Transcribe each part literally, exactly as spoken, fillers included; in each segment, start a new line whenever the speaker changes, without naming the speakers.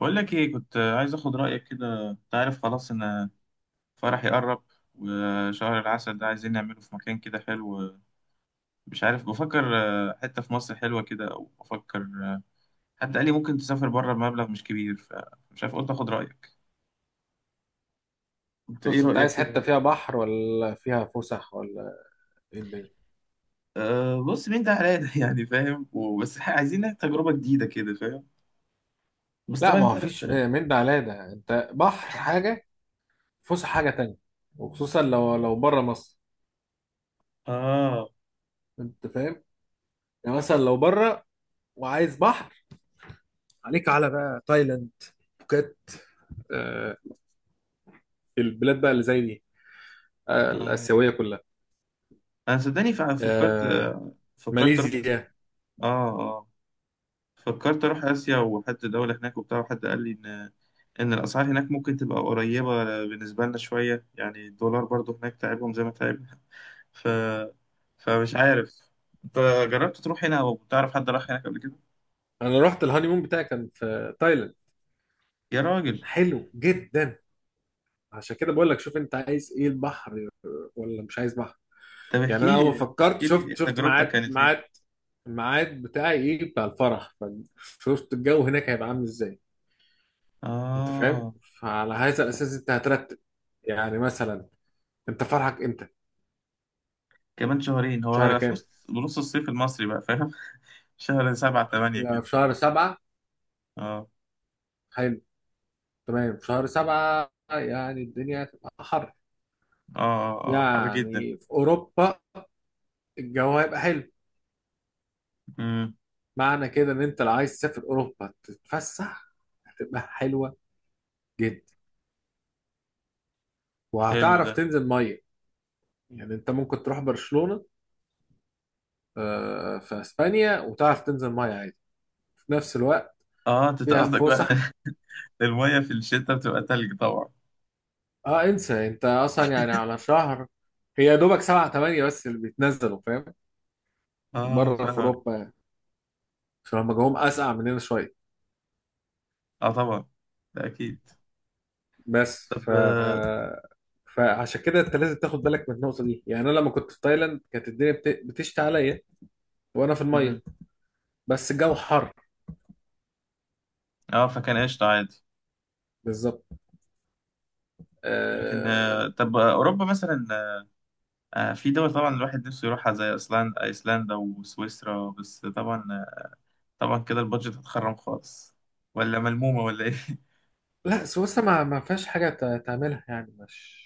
بقول لك ايه، كنت عايز اخد رايك كده، انت عارف خلاص ان فرحي قرب، وشهر العسل ده عايزين نعمله في مكان كده حلو. مش عارف، بفكر آه، حته في مصر حلوه كده، او بفكر آه، حد قال لي ممكن تسافر بره بمبلغ مش كبير، فمش عارف قلت اخد رايك. انت ايه
بص، انت
رايك
عايز
كده؟
حته
مم.
فيها بحر ولا فيها فسح، ولا ايه الدنيا؟
أه، بص مين ده حلال يعني فاهم وبس. ح- عايزين تجربه جديده كده، فاهم. بس
لا،
طبعا
ما
انت
هو
عارف.
فيش م- من ده على ده، انت بحر حاجه، فسح حاجه تانية. وخصوصا لو لو بره مصر.
اه،
انت فاهم؟ يعني مثلا لو بره وعايز بحر، عليك على بقى تايلاند، بوكيت. آه البلاد بقى اللي زي دي، آه
اه.
الاسيويه كلها،
انا صدقني فع- فكرت
آه
آه، فكرت اروح أس-
ماليزيا.
اه آه. فكرت اروح اسيا، وحد دولة هناك وبتاع. وحد قال لي ان ان الاسعار هناك ممكن تبقى قريبة بالنسبة لنا شوية، يعني الدولار برضو هناك تعبهم زي ما تعبنا. ف فمش عارف، انت جربت تروح هنا او تعرف حد راح هناك قبل كده؟
انا رحت الهانيمون بتاعي، كان في تايلاند.
يا راجل،
كان حلو جدا. عشان كده بقول لك، شوف انت عايز ايه، البحر ولا مش عايز بحر.
طب
يعني انا
احكي
اول ما
لي،
فكرت،
احكي لي
شفت شفت
تجربتك
ميعاد
كانت ايه.
ميعاد الميعاد بتاعي ايه، بتاع الفرح. فشفت الجو هناك هيبقى عامل ازاي. انت فاهم؟
اه،
فعلى هذا الاساس انت هترتب. يعني مثلا، انت فرحك امتى؟
كمان شهرين هو
شهر
هيبقى في
كام؟
نص بنص الصيف المصري بقى، فاهم. شهر سبعة تمانية
يعني
كده.
في شهر سبعة.
اه،
حلو. تمام، في شهر سبعة يعني الدنيا هتبقى حر.
اه، اه، اه، حر جدا.
يعني في اوروبا الجو هيبقى حلو.
امم
معنى كده ان انت لو عايز تسافر اوروبا تتفسح، هتبقى حلوة جدا،
حلو
وهتعرف
ده.
تنزل مية. يعني انت ممكن تروح برشلونة، آه، في اسبانيا، وتعرف تنزل ميه عادي، في نفس الوقت
اه انت
فيها
قصدك بقى
فسح.
المية في الشتاء بتبقى تلج طبعا.
اه، انسى انت اصلا، يعني على شهر، هي يا دوبك سبعة تمانية بس اللي بيتنزلوا فاهم،
اه
بره في
فاهم.
اوروبا يعني، عشان هم جوهم اسقع مننا شويه.
اه طبعا، ده اكيد.
بس ف
طب اه.
فعشان كده انت لازم تاخد بالك من النقطه دي. يعني انا لما كنت في تايلاند كانت الدنيا بت... بتشتي عليا وانا في
مم.
الميه، بس الجو حر.
آه، فكان قشطة عادي.
بالظبط.
لكن آه،
آه...
طب آه، اوروبا مثلا آه، في دول طبعا الواحد نفسه يروحها زي ايسلندا ايسلندا وسويسرا. بس طبعا آه، طبعا كده البادجت هتخرم خالص، ولا ملمومة، ولا ايه؟
لا سويسرا ما ما فيهاش حاجه ت- تعملها، يعني مش.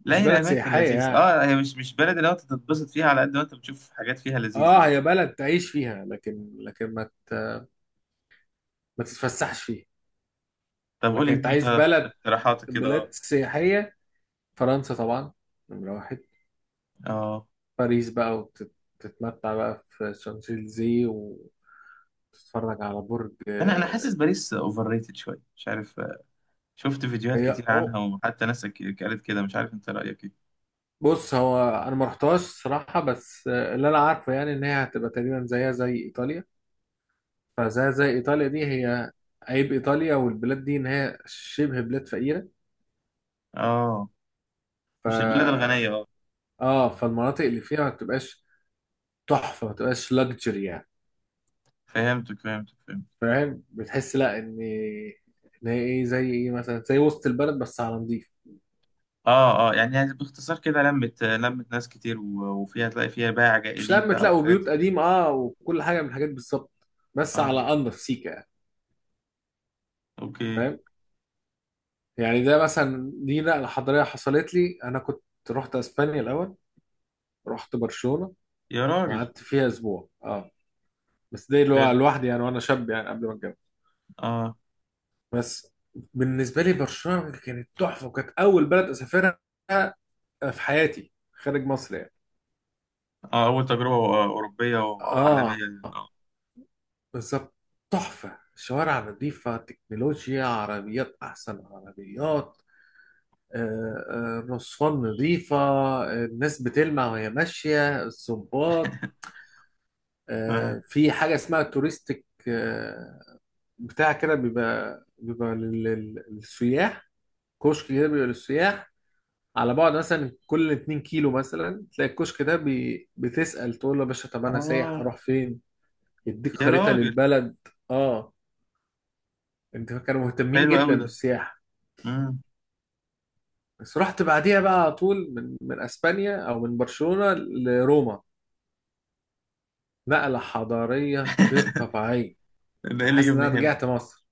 لا
مش
هي
بلد
الاماكن
سياحيه
لذيذة،
يعني.
اه. هي مش مش بلد اللي انت تتبسط فيها على قد ما انت بتشوف حاجات فيها لذيذة،
اه،
بس.
هي بلد تعيش فيها، لكن لكن ما ما تتفسحش فيها.
طب قولي
لكن انت عايز
انت
بلد،
اقتراحاتك كده،
بلاد
اه.
سياحية، فرنسا طبعا، نمرة واحد.
اه،
باريس بقى، وتتمتع بقى في شانزليزيه، وتتفرج على برج
انا انا
آه،
حاسس باريس اوفر ريتد شوية، مش عارف. شفت فيديوهات
هي
كتير عنها،
أو
وحتى ناس ك- قالت كده. مش عارف انت رأيك ايه.
بص، هو انا ما رحتهاش صراحة، بس آه، اللي انا عارفه يعني ان هي هتبقى تقريبا زيها زي ايطاليا. فزيها زي ايطاليا دي، هي، عيب ايطاليا والبلاد دي ان هي شبه بلاد فقيرة.
اه،
ف
مش البلاد الغنية، اه.
اه فالمناطق اللي فيها ما بتبقاش تحفه، ما تبقاش لاكجري يعني.
فهمتك، فهمتك، فهمت.
فاهم؟ بتحس لا، ان ان هي ايه، زي ايه مثلا، زي وسط البلد بس على نضيف.
اه، اه، يعني، يعني باختصار كده، لمت، لمت ناس كتير، و- وفيها تلاقي فيها بايع
مش
جائلين
لما
بقى
تلاقوا
وحاجات
بيوت
زي كده.
قديمه، اه، وكل حاجه من الحاجات بالظبط، بس
اه،
على انضف سيكه يعني.
اوكي.
فاهم؟ يعني ده مثلا، دي نقله حضاريه حصلت لي. انا كنت رحت اسبانيا الاول، رحت برشلونه،
يا راجل،
قعدت فيها اسبوع، اه. بس ده اللي هو
حلو،
لوحدي يعني، وانا شاب يعني قبل ما اتجوز.
اه،
بس بالنسبه لي برشلونه كانت تحفه، وكانت اول بلد اسافرها في حياتي خارج مصر يعني.
اه، اول تجربة آه، أوروبية
اه،
وعالمية، اه.
بالظبط. تحفة، شوارع نظيفة، تكنولوجيا، عربيات أحسن عربيات، آه، آه، الرصفان نظيفة، آه، الناس بتلمع وهي ماشية الصباط.
اه
آه، في حاجة اسمها توريستيك، آه، بتاع كده، بيبقى بيبقى لل- لل- للسياح. كشك كده بيبقى للسياح، على بعد مثلا كل 2 كيلو مثلا تلاقي الكشك ده، بي- بتسأل تقول له يا باشا، طب أنا سايح
آه،
أروح فين؟ يديك
يا
خريطة
راجل،
للبلد. اه، انت، كانوا مهتمين
حلو
جدا
قوي ده.
بالسياحة.
امم
بس رحت بعديها بقى على طول، من من اسبانيا او من برشلونة لروما. نقلة حضارية غير طبيعية.
ده ايه
انا
اللي
حاسس ان
جابني
انا
هنا.
رجعت مصر،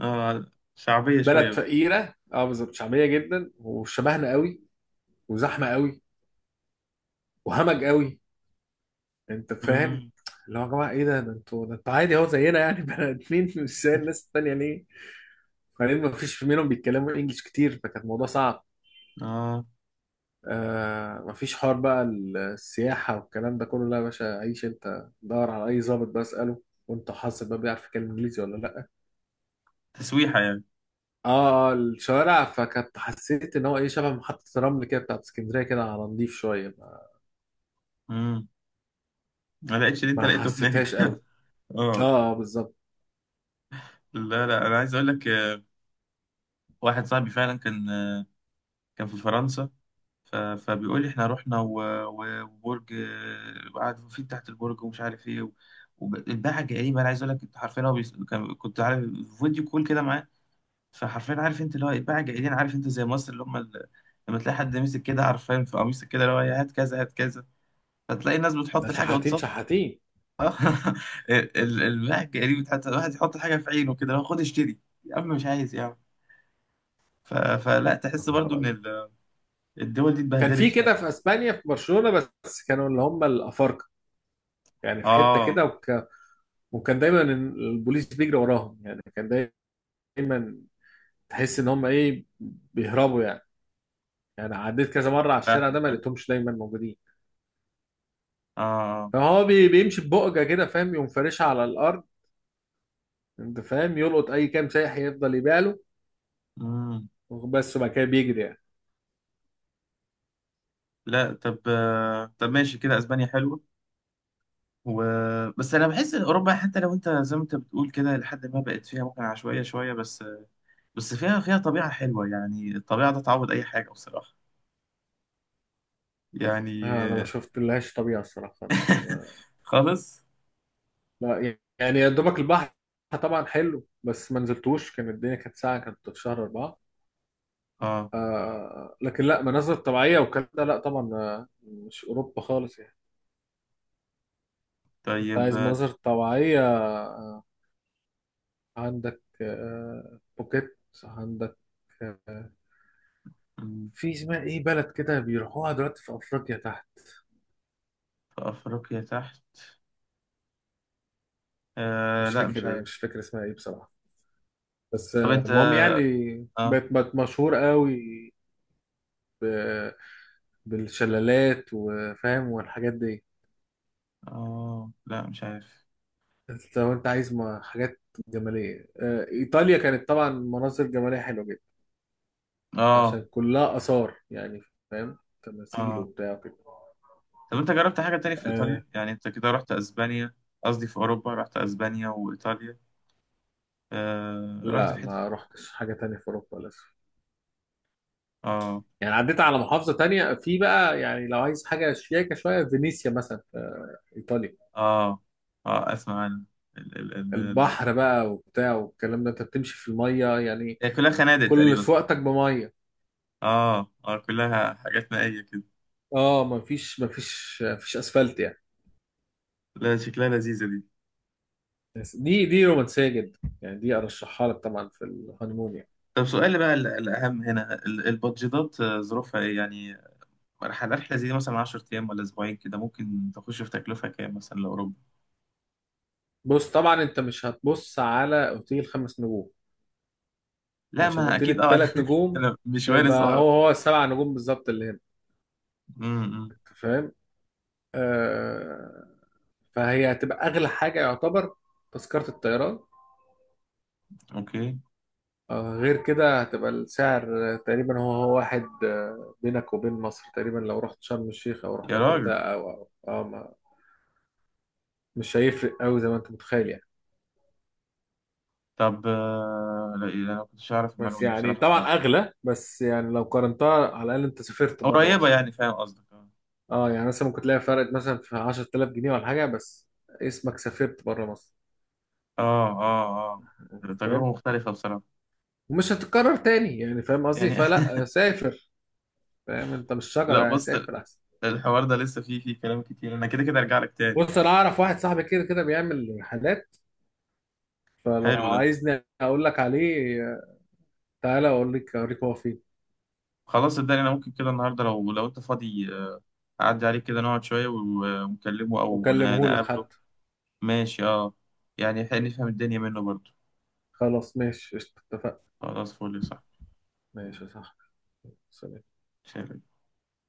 اه، شعبية
بلد
شوية.
فقيرة، اه بالظبط، شعبية جدا وشبهنا قوي، وزحمة قوي، وهمج قوي. انت فاهم؟
امم
اللي هو يا جماعة، ايه ده ده انتوا، ده انتوا عادي اهو زينا يعني، بني ادمين مش زي الناس التانية ليه؟ وبعدين ما فيش منهم بيتكلموا انجلش كتير، فكان الموضوع صعب.
اه
آه مفيش حوار بقى، السياحة والكلام ده كله لا، يا باشا عيش، انت دور على أي ظابط بقى اسأله، وانت حاسس بقى بيعرف يتكلم إنجليزي ولا لأ.
تسويحة يعني.
اه الشوارع، فكنت حسيت إن هو إيه، شبه محطة الرمل كده بتاعت اسكندرية، كده على نضيف شوية ما.
امم ما لقيتش اللي انت
ما
لقيته
حسيتهاش
هناك.
قوي. اه،
اه.
آه، بالظبط.
لا، لا، انا عايز اقول لك آه، واحد صاحبي فعلا كان آه، كان في فرنسا. ف- فبيقول لي احنا رحنا و- و- وبرج آه، وقعد فيه تحت البرج ومش عارف ايه، والباعة جايبه. انا عايز اقول لك، انت عارفين، هو بيس- كان كنت عارف، فيديو كول كده معاه. فحرفيا عارف انت اللي هو الباعة جايين، عارف انت زي مصر، اللي هم ال- لما تلاقي حد ماسك كده، عارفين، في قميصك كده، اللي هو هات كذا، هات كذا، فتلاقي الناس
ده
بتحط الحاجه.
شحاتين شحاتين.
اه ال- ال- الواحد جريء، حتى الواحد يحط الحاجه في عينه كده، لو خد اشتري. يا عم مش عايز، يا عم. ف... فلا
يا
تحس برضو
نهار
ان
أبيض.
ال- الدول دي
كان
اتبهدلت
في
فعلا.
كده في اسبانيا في برشلونة، بس كانوا اللي هم الافارقه. يعني في حته
اه،
كده، وك... وكان دايما البوليس بيجري وراهم يعني، كان دايما تحس ان هم ايه، بيهربوا يعني. يعني عديت كذا مرة على الشارع
فاهمك،
ده ما
اه،
لقيتهمش دايما موجودين.
اه.
فهو بي- بيمشي ببقجة كده فاهم، يقوم فارشها على الأرض. أنت فاهم، يلقط أي كام سايح، يفضل يبيع له
امم
بس، وبعد كده بيجري يعني.
لا طب آه، طب ماشي كده، اسبانيا حلوه. و... بس انا بحس ان اوروبا حتى لو انت زي ما انت بتقول كده، لحد ما بقت فيها ممكن عشوائيه شويه، بس بس فيها فيها طبيعه حلوه، يعني الطبيعه ده تعوض اي حاجه بصراحه. يعني
آه، أنا ما
آه،
شفت لهاش طبيعة الصراحة خالص.
خالص.
لا يعني يا دوبك البحر طبعا حلو، بس ما نزلتوش كان الدنيا، كانت ساعة كانت في شهر أربعة.
اه
آه لكن لا، مناظر طبيعية والكلام ده لا طبعا، آه، مش أوروبا خالص يعني. أنت
طيب.
عايز مناظر طبيعية، عندك آه، بوكيت، عندك آه،
آه،
في، اسمها ايه، بلد كده بيروحوها دلوقتي في افريقيا تحت.
في أفريقيا تحت. آه
مش
لا مش
فاكر،
عارف.
مش فاكر اسمها ايه بصراحه. بس،
طب
آه،
أنت.
المهم يعني،
آه،
بقت بقت مشهور قوي ب- بالشلالات وفاهم والحاجات دي.
آه، لا مش عارف.
أنت لو انت عايز ما- حاجات جماليه، آه، ايطاليا كانت طبعا مناظر جماليه حلوه جدا،
آه،
عشان كلها اثار يعني. فاهم؟ تماثيل
آه.
وبتاع كده.
طب أنت جربت حاجة تاني في
آه
إيطاليا؟ يعني أنت كده رحت أسبانيا، قصدي في أوروبا رحت أسبانيا وإيطاليا. آه رحت
لا،
في حتة،
ما رحتش حاجه تانية في اوروبا للاسف.
آه،
يعني عديت على محافظة تانية. في بقى يعني لو عايز حاجة شياكة شوية، فينيسيا مثلا في إيطاليا.
آه، آه أسمع عن ال ال ال ال
البحر بقى وبتاع والكلام ده، أنت بتمشي في المية يعني،
هي كلها خنادق
كل
تقريبا، صح؟
سواقتك بمية.
آه، آه، كلها حاجات مائية كده.
اه، مفيش مفيش مفيش أسفلت يعني.
لا شكلها لذيذة دي.
بس دي دي رومانسية جدا يعني، دي أرشحها لك طبعا في الهانيمون يعني.
طب سؤالي بقى، ال- الأهم هنا ال- البادجيتات آه، ظروفها إيه يعني؟ رحلة رحلة زي دي مثلا 10 أيام ولا أسبوعين كده، ممكن تخش في تكلفة كام مثلا لأوروبا؟
بص طبعا، أنت مش هتبص على أوتيل خمس نجوم،
لا،
عشان
ما
أوتيل
أكيد أه، أنا
التلات نجوم
أنا مش وارث،
هيبقى
أه.
هو هو السبع نجوم بالظبط اللي هنا.
أمم،
أنت فاهم؟ آه، فهي هتبقى اغلى حاجه يعتبر، تذكره الطيران.
أوكي.
آه، غير كده هتبقى السعر تقريبا هو هو واحد، آه، بينك وبين مصر تقريبا، لو رحت شرم الشيخ او رحت
يا راجل،
الغردقه او او أو ما- مش هيفرق قوي زي ما انت متخيل يعني.
طب آه، لا إيه، أنا ما كنتش أعرف
بس
المعلومة دي
يعني
بصراحة
طبعا
خالص.
اغلى، بس يعني لو قارنتها، على الاقل انت سافرت بره
قريبة
مصر.
يعني، فاهم قصدك، أه،
اه يعني مثلا ممكن تلاقي فرق مثلا في عشرة آلاف جنيه ولا حاجه، بس اسمك سافرت بره مصر.
أه، أه. آه.
انت
تجربة
فاهم،
مختلفة بصراحة.
ومش هتتكرر تاني يعني، فاهم قصدي؟
يعني
فلا، آه، سافر. فاهم؟ انت مش شجره
لا
يعني،
بص،
سافر احسن.
الحوار ده لسه فيه فيه كلام كتير. أنا كده كده أرجع لك تاني.
بص، انا اعرف واحد صاحبي كده كده بيعمل حاجات، فلو
حلو ده.
عايزني اقول لك عليه، تعالى اقول لك، اوريك هو فين،
خلاص صدقني، أنا ممكن كده النهاردة لو لو أنت فاضي آه، أعدي عليك كده، نقعد شوية و- ونكلمه أو
واكلمه لك
نقابله.
حتى.
ماشي، اه. يعني حلو، نفهم الدنيا منه برضو.
خلاص ماشي قشطة، اتفقنا.
خلاص، فولي.
ماشي يا صاحبي. سلام.
صح.